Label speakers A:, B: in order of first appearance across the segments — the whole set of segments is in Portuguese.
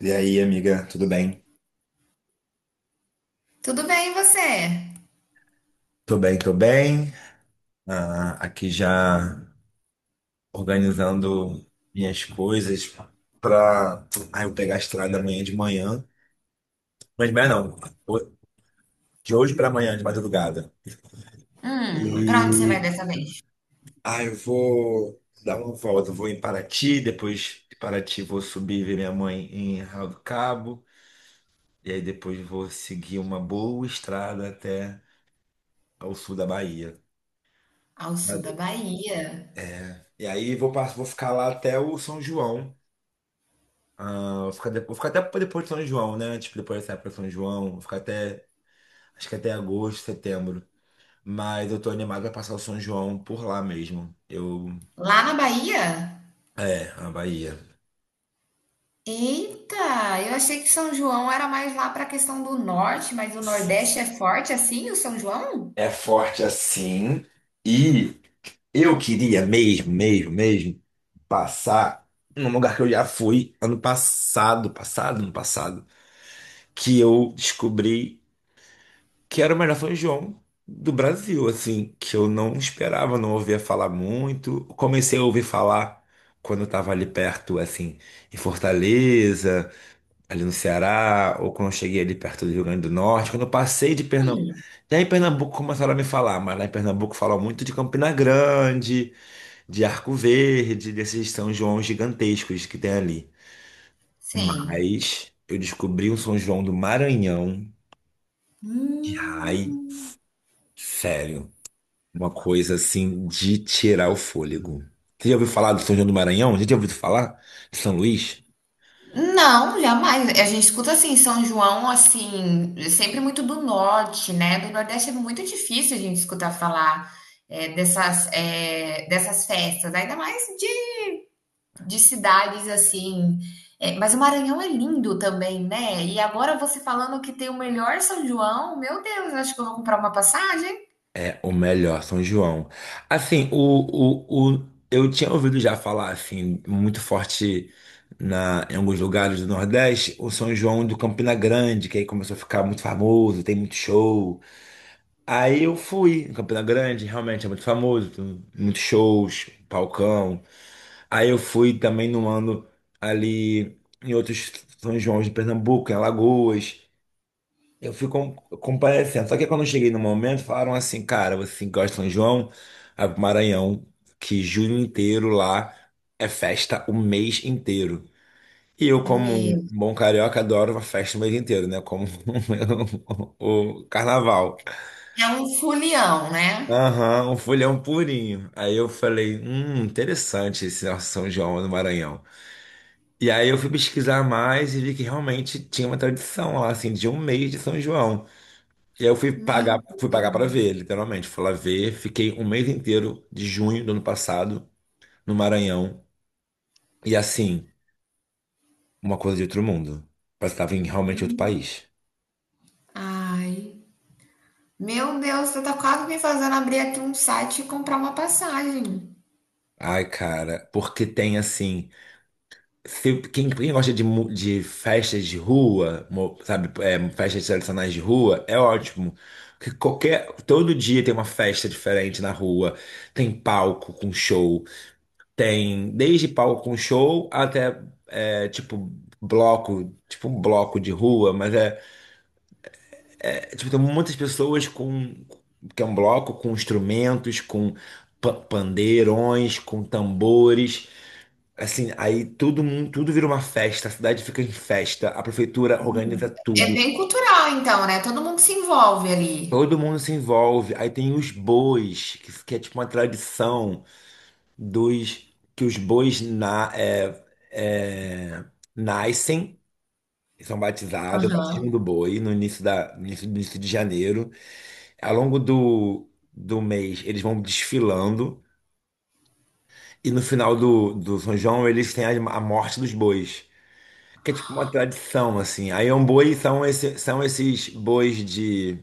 A: E aí, amiga, tudo bem?
B: Tudo bem, e você?
A: Tô bem, tô bem. Ah, aqui já organizando minhas coisas pra eu pegar a estrada amanhã de manhã. Mas amanhã não, ho- de hoje pra amanhã, de madrugada.
B: Pra onde você vai
A: E
B: dessa vez?
A: eu vou dar uma volta, vou em Paraty, depois de Paraty vou subir ver minha mãe em Arraial do Cabo, e aí depois vou seguir uma boa estrada até ao sul da Bahia.
B: Ao sul da
A: Mas-
B: Bahia.
A: E aí vou ficar lá até o São João. Ah, vou ficar até pra depois de São João, né? Tipo, depois dessa época de São João, vou ficar até, acho que até agosto, setembro. Mas eu tô animado pra passar o São João por lá mesmo. Eu,
B: Lá na Bahia?
A: é, a Bahia.
B: Eita, eu achei que São João era mais lá pra questão do norte, mas o Nordeste é forte assim, o São João?
A: É forte assim. E eu queria mesmo, mesmo, mesmo passar num lugar que eu já fui ano passado, passado, ano passado, que eu descobri que era o melhor São João do Brasil, assim, que eu não esperava, não ouvia falar muito. Comecei a ouvir falar quando eu tava ali perto, assim, em Fortaleza, ali no Ceará, ou quando eu cheguei ali perto do Rio Grande do Norte, quando eu passei de Pernambuco. Já em Pernambuco começaram a me falar, mas lá em Pernambuco falam muito de Campina Grande, de Arco Verde, desses São João gigantescos que tem ali.
B: Sim.
A: Mas eu descobri um São João do Maranhão. Ai,
B: Hum,
A: sério. Uma coisa assim de tirar o fôlego. Você já ouviu falar do São João do Maranhão? Já tinha ouvido falar de São Luís?
B: não, jamais. A gente escuta assim, São João, assim, sempre muito do norte, né? Do Nordeste é muito difícil a gente escutar falar dessas festas, ainda mais de cidades assim. É, mas o Maranhão é lindo também, né? E agora você falando que tem o melhor São João, meu Deus, eu acho que eu vou comprar uma passagem.
A: É o melhor, São João. Assim, eu tinha ouvido já falar, assim, muito forte em alguns lugares do Nordeste, o São João do Campina Grande, que aí começou a ficar muito famoso, tem muito show. Aí eu fui em Campina Grande, realmente é muito famoso, tem muitos shows, palcão. Aí eu fui também no ano ali em outros São João de Pernambuco, em Alagoas. Eu fui comparecendo. Só que quando eu cheguei no momento, falaram assim, cara, você que gosta de São João, vai pro Maranhão, que junho inteiro lá é festa o mês inteiro. E eu, como um
B: Meu,
A: bom carioca, adoro uma festa o mês inteiro, né? Como o carnaval.
B: é um folião, né?
A: Aham, um folhão purinho. Aí eu falei, interessante esse nosso São João no Maranhão. E aí eu fui pesquisar mais e vi que realmente tinha uma tradição lá, assim, de um mês de São João. E aí eu
B: Meu
A: fui pagar
B: Deus.
A: para ver, literalmente. Fui lá ver, fiquei um mês inteiro de junho do ano passado no Maranhão. E assim, uma coisa de outro mundo. Parece que tava em realmente outro país.
B: Ai. Meu Deus, você tá quase me fazendo abrir aqui um site e comprar uma passagem.
A: Ai, cara, porque tem assim. Quem gosta de festas de rua, sabe, é, festas tradicionais de rua, é ótimo. Porque todo dia tem uma festa diferente na rua, tem palco com show, tem desde palco com show até é, tipo bloco, tipo um bloco de rua, mas é, tipo, tem muitas pessoas com que é um bloco com instrumentos, com pandeirões, com tambores. Assim, aí todo mundo, tudo vira uma festa, a cidade fica em festa, a prefeitura organiza
B: É
A: tudo.
B: bem cultural, então, né? Todo mundo se envolve ali.
A: Todo mundo se envolve. Aí tem os bois, que é tipo uma tradição dos que os bois é, nascem, são batizados, é o
B: Aham.
A: batismo do boi no início da, no início, no início de janeiro. Ao longo do mês, eles vão desfilando, e no final do São João, eles têm a morte dos bois. Que é tipo uma tradição, assim. Aí são esses bois de,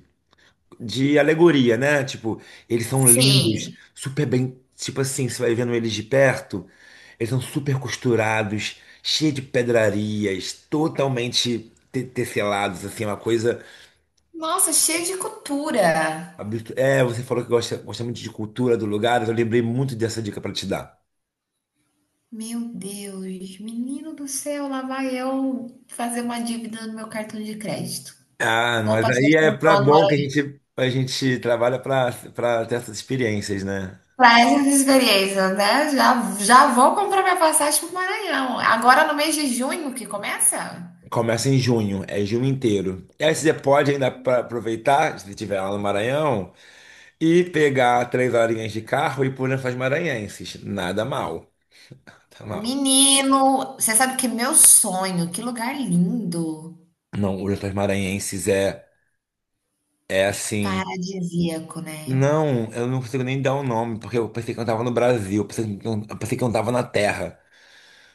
A: de alegoria, né? Tipo, eles são lindos,
B: Sim.
A: super bem. Tipo assim, você vai vendo eles de perto, eles são super costurados, cheios de pedrarias, totalmente tecelados, assim, é uma coisa
B: Nossa, cheio de cultura.
A: absurda. É, você falou que gosta muito de cultura do lugar, eu lembrei muito dessa dica para te dar.
B: Meu Deus, menino do céu, lá vai eu fazer uma dívida no meu cartão de crédito.
A: Ah,
B: Vou
A: mas
B: passar o
A: aí é
B: São
A: pra
B: João no
A: bom que a
B: Maranhão.
A: gente, a gente trabalha para pra ter essas experiências, né?
B: Para essas experiências, né? Já vou comprar minha passagem para o Maranhão. Agora no mês de junho que começa?
A: Começa em junho, é junho inteiro. E aí você pode ainda aproveitar, se estiver lá no Maranhão, e pegar três horinhas de carro e ir por Lençóis Maranhenses. Nada mal. Nada mal.
B: Menino, você sabe que meu sonho, que lugar lindo,
A: Não, o Lençóis Maranhenses é assim.
B: paradisíaco, né?
A: Não, eu não consigo nem dar o nome, porque eu pensei que eu tava no Brasil, eu pensei que eu pensei que eu tava na Terra.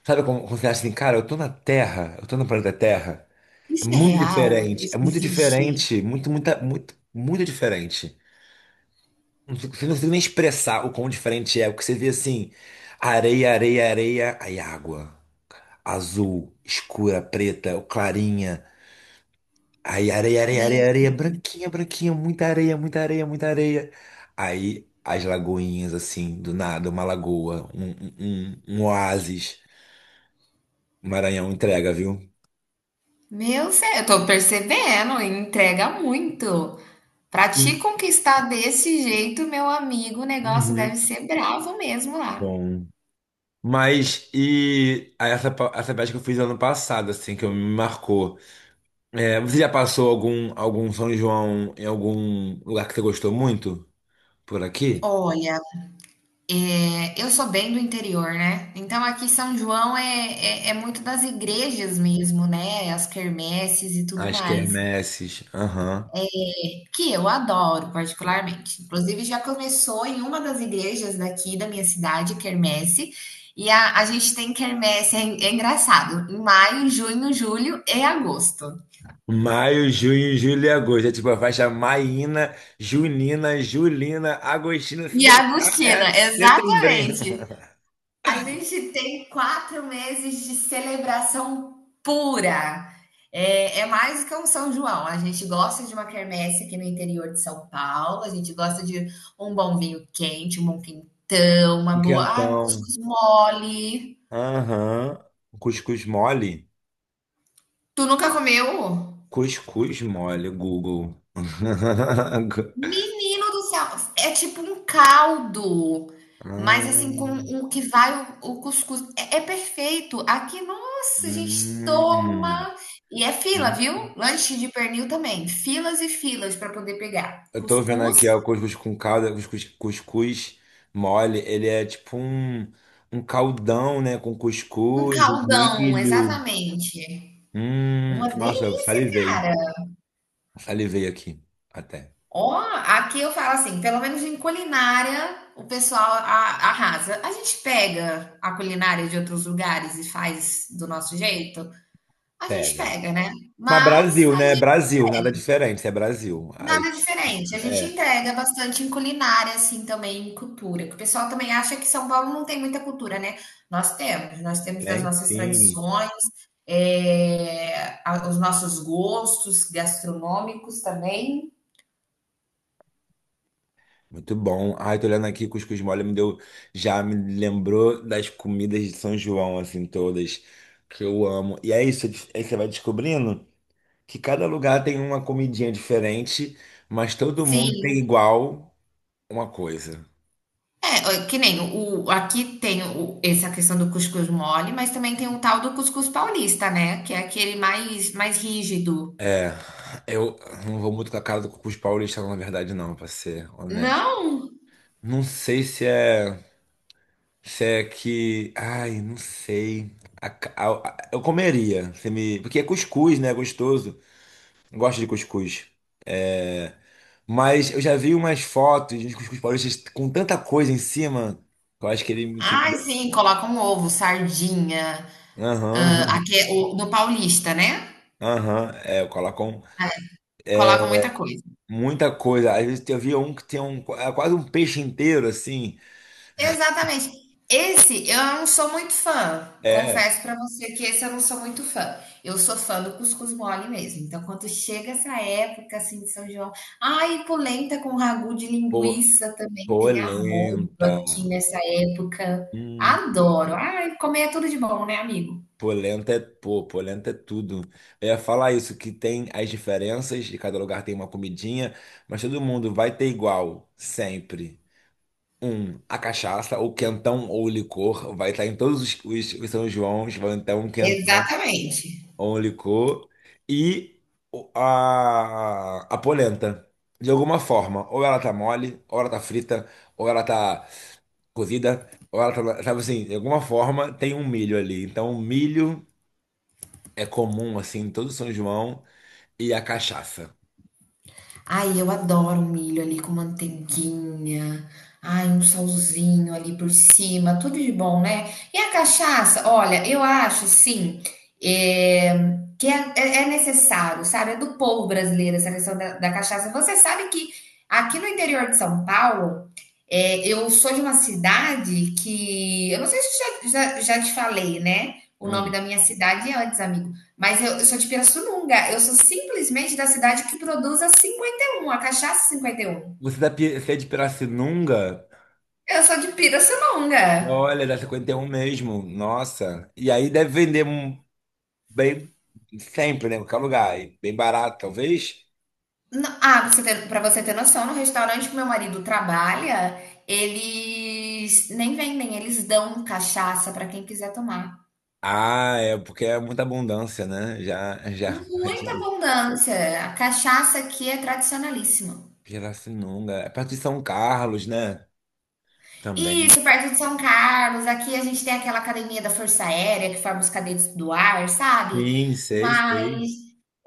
A: Sabe como, quando você acha assim, cara, eu tô na Terra, eu tô no planeta Terra.
B: Isso é real? Isso
A: É muito
B: existe?
A: diferente, muito, muita, muito, muito diferente. Não consigo nem expressar o quão diferente é. O que você vê assim: areia, areia, areia, aí água. Azul, escura, preta, ou clarinha. Aí areia, areia,
B: Meu,
A: areia, areia, branquinha, branquinha, muita areia, muita areia, muita areia. Aí as lagoinhas, assim, do nada, uma lagoa, um oásis. Maranhão entrega, viu?
B: meu céu, eu tô percebendo, entrega muito. Pra te
A: Sim.
B: conquistar desse jeito, meu amigo, o negócio deve
A: Uhum.
B: ser bravo mesmo lá.
A: Bom. Mas, e aí essa viagem que eu fiz ano passado, assim, que me marcou. É, você já passou algum São João em algum lugar que você gostou muito? Por aqui?
B: Olha, é, eu sou bem do interior, né? Então aqui São João é muito das igrejas mesmo, né? As quermesses e tudo
A: As
B: mais,
A: quermesses. Aham.
B: que eu adoro particularmente. Inclusive já começou em uma das igrejas daqui da minha cidade, quermesse, e a gente tem quermesse, é engraçado, em maio, junho, julho e agosto.
A: Maio, junho, julho e agosto. É tipo a faixa maína, junina, julina, agostina. Se
B: E a
A: deixar,
B: Agostina,
A: é setembrinho.
B: exatamente. A gente tem quatro meses de celebração pura. É, é mais que um São João. A gente gosta de uma quermesse aqui no interior de São Paulo. A gente gosta de um bom vinho quente, um bom quentão, uma
A: Um
B: boa. Ah, um
A: Quentão.
B: cuscuz mole.
A: Aham. Cuscuz mole?
B: Tu nunca comeu?
A: Cuscuz mole, Google.
B: Menino do céu, é tipo um caldo, mas assim, com
A: Ah.
B: o que vai o cuscuz. É, é perfeito. Aqui, nossa, a gente
A: Hum.
B: toma. E é fila,
A: Hum.
B: viu? Lanche de pernil também. Filas e filas para poder pegar.
A: Eu tô vendo
B: Cuscuz,
A: aqui ó, o cuscuz com calda, cuscuz mole. Ele é tipo um caldão, né? Com
B: um
A: cuscuz,
B: caldão,
A: milho.
B: exatamente. Uma
A: Nossa, eu
B: delícia,
A: salivei.
B: cara.
A: Salivei aqui. Até.
B: Ó, aqui eu falo assim, pelo menos em culinária, arrasa. A gente pega a culinária de outros lugares e faz do nosso jeito? A gente
A: Pega.
B: pega, né.
A: Mas
B: Mas
A: Brasil,
B: a
A: né?
B: gen
A: Brasil, nada diferente. É Brasil. Ai,
B: Nada diferente, a gente
A: é,
B: entrega bastante em culinária, assim, também em cultura, que o pessoal também acha que São Paulo não tem muita cultura, né. Nós temos as
A: tem
B: nossas
A: sim.
B: tradições, a os nossos gostos gastronômicos também.
A: Muito bom. Ai, tô olhando aqui, cuscuz mole me deu. Já me lembrou das comidas de São João, assim, todas. Que eu amo. E é isso, aí você vai descobrindo que cada lugar tem uma comidinha diferente, mas todo mundo tem
B: Sim.
A: igual uma coisa.
B: É, que nem o aqui tem o essa questão do cuscuz mole, mas também tem o tal do cuscuz paulista, né, que é aquele mais rígido.
A: É, eu não vou muito com a cara do cuscuz paulista, não, na verdade, não, pra ser honesto.
B: Não?
A: Não sei se é, que, ai, não sei. A ca- a- eu comeria, se me, porque é cuscuz, né? É gostoso. Eu gosto de cuscuz. É. Mas eu já vi umas fotos de cuscuz paulista com tanta coisa em cima, que eu acho que ele.
B: Ai, sim, colocam um ovo, sardinha, hã,
A: Aham,
B: aqui é o no paulista, né,
A: aham. É, eu coloco. Um.
B: colocam muita coisa.
A: Muita coisa. Às vezes eu via um que tinha um, é quase um peixe inteiro, assim.
B: Exatamente. Esse eu não sou muito fã,
A: É,
B: confesso pra você que esse eu não sou muito fã. Eu sou fã do cuscuz mole mesmo, então quando chega essa época, assim, de São João ai, polenta com ragu de
A: po,
B: linguiça também, tem arroz
A: polenta.
B: aqui nessa época.
A: Hum,
B: Adoro. Ai, comer é tudo de bom, né, amigo?
A: polenta é, pô, polenta é tudo. Eu ia falar isso, que tem as diferenças, de cada lugar tem uma comidinha, mas todo mundo vai ter igual, sempre. A cachaça, ou quentão, ou licor, vai estar em todos os São Joãos, vai ter um quentão.
B: Exatamente.
A: Only co e a polenta. De alguma forma, ou ela tá mole, ou ela tá frita, ou ela tá cozida, ou ela tá, sabe assim, de alguma forma tem um milho ali. Então, o milho é comum assim em todo São João e a cachaça.
B: Ai, eu adoro milho ali com manteiguinha. Ai, um salzinho ali por cima, tudo de bom, né? E a cachaça? Olha, eu acho, sim, é necessário, sabe? É do povo brasileiro essa questão da cachaça. Você sabe que aqui no interior de São Paulo, é, eu sou de uma cidade que. Eu não sei se eu já te falei, né? O nome
A: Hum.
B: da minha cidade antes, amigo. Mas eu sou de Pirassununga. Eu sou simplesmente da cidade que produz a 51, a cachaça 51.
A: Você é de Pirassununga?
B: Eu sou de Pirassununga.
A: Olha, da 51 mesmo. Nossa. E aí deve vender um bem sempre, né? Em qualquer lugar. E bem barato, talvez.
B: Ah, pra você ter noção, no restaurante que meu marido trabalha, eles nem vendem, eles dão cachaça pra quem quiser tomar.
A: Ah, é porque é muita abundância, né? Já, já.
B: Muita abundância. A cachaça aqui é tradicionalíssima.
A: Pirassununga. É perto de São Carlos, né? Também.
B: Isso, perto de São Carlos, aqui a gente tem aquela academia da Força Aérea que forma os cadetes do ar, sabe?
A: Sim, sei, sei.
B: Mas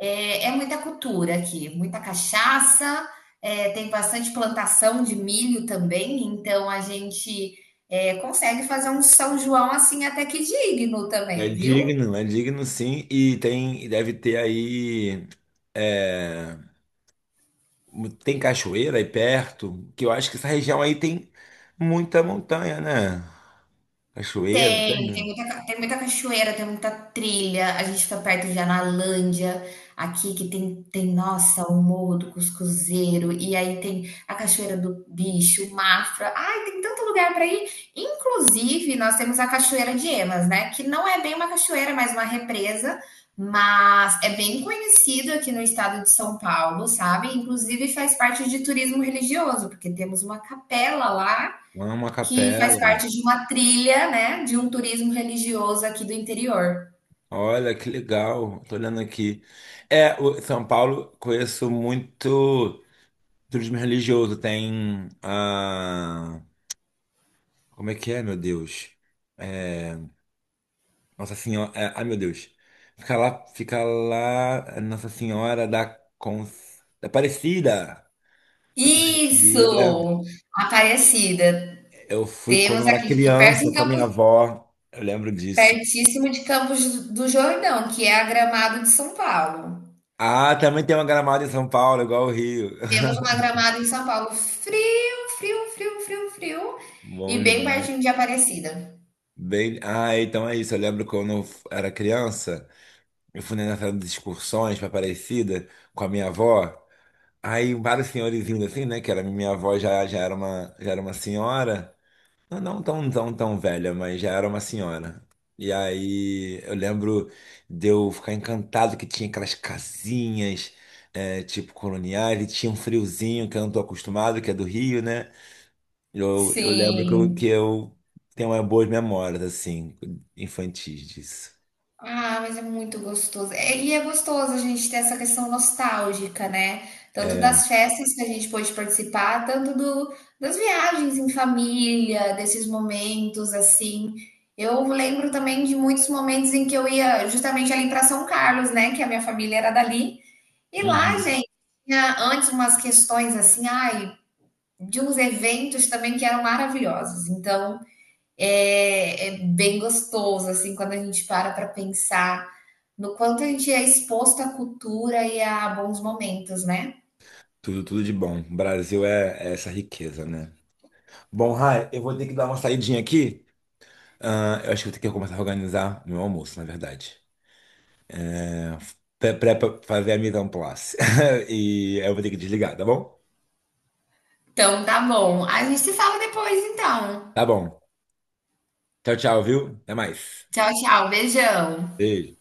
B: é, é muita cultura aqui, muita cachaça, é, tem bastante plantação de milho também, então a gente é, consegue fazer um São João assim até que digno também, viu?
A: É digno, sim. E tem, e deve ter aí. É, tem cachoeira aí perto, que eu acho que essa região aí tem muita montanha, né? Cachoeira,
B: Tem,
A: tem.
B: tem muita cachoeira, tem muita trilha. A gente fica perto de Analândia, aqui que tem, nossa, o Morro do Cuscuzeiro, e aí tem a Cachoeira do Bicho, o Mafra. Ai, tem tanto lugar para ir. Inclusive, nós temos a Cachoeira de Emas, né? Que não é bem uma cachoeira, mas uma represa, mas é bem conhecido aqui no estado de São Paulo, sabe? Inclusive faz parte de turismo religioso, porque temos uma capela lá
A: Uma
B: que
A: capela.
B: faz parte de uma trilha, né, de um turismo religioso aqui do interior.
A: Olha que legal. Tô olhando aqui. É, o São Paulo conheço muito. Turismo religioso tem. Como é que é, meu Deus? É, Nossa Senhora. Ai, meu Deus. Fica lá, Nossa Senhora da Aparecida. Aparecida.
B: Isso! Aparecida.
A: Eu fui quando
B: Temos
A: eu era
B: aqui, fica perto
A: criança
B: em
A: com a minha
B: Campos,
A: avó. Eu lembro disso.
B: pertíssimo de Campos do Jordão, que é a Gramado de São Paulo.
A: Ah, também tem uma Gramado em São Paulo, igual o Rio.
B: Temos uma Gramado em São Paulo frio, frio e
A: Bom
B: bem
A: demais.
B: pertinho de Aparecida.
A: Bem, então é isso. Eu lembro quando eu era criança, eu fui nessa de excursões para Aparecida com a minha avó. Aí vários senhorizinhos assim, né? Que era minha avó já, já era uma senhora. Não, não tão, tão, tão velha, mas já era uma senhora. E aí eu lembro de eu ficar encantado que tinha aquelas casinhas, é, tipo coloniais, e tinha um friozinho que eu não tô acostumado, que é do Rio, né? Eu lembro que eu,
B: Sim.
A: que eu tenho umas boas memórias, assim, infantis disso.
B: Ah, mas é muito gostoso. É, e é gostoso a gente ter essa questão nostálgica, né? Tanto das festas que a gente pôde participar, tanto do, das viagens em família, desses momentos assim. Eu lembro também de muitos momentos em que eu ia justamente ali para São Carlos, né? Que a minha família era dali. E lá,
A: Uhum.
B: gente, tinha antes umas questões assim, ai, de uns eventos também que eram maravilhosos. Então, é, é bem gostoso, assim, quando a gente para pensar no quanto a gente é exposto à cultura e a bons momentos, né?
A: Tudo, tudo de bom. O Brasil é essa riqueza, né? Bom, Rai, eu vou ter que dar uma saidinha aqui. Ah, eu acho que vou ter que começar a organizar meu almoço, na verdade. Pra fazer a mise en place. E aí eu vou ter que desligar, tá bom?
B: Então tá bom. A gente se fala depois, então.
A: Tá bom. Tchau, tchau, viu? Até mais.
B: Tchau, tchau. Beijão.
A: Beijo.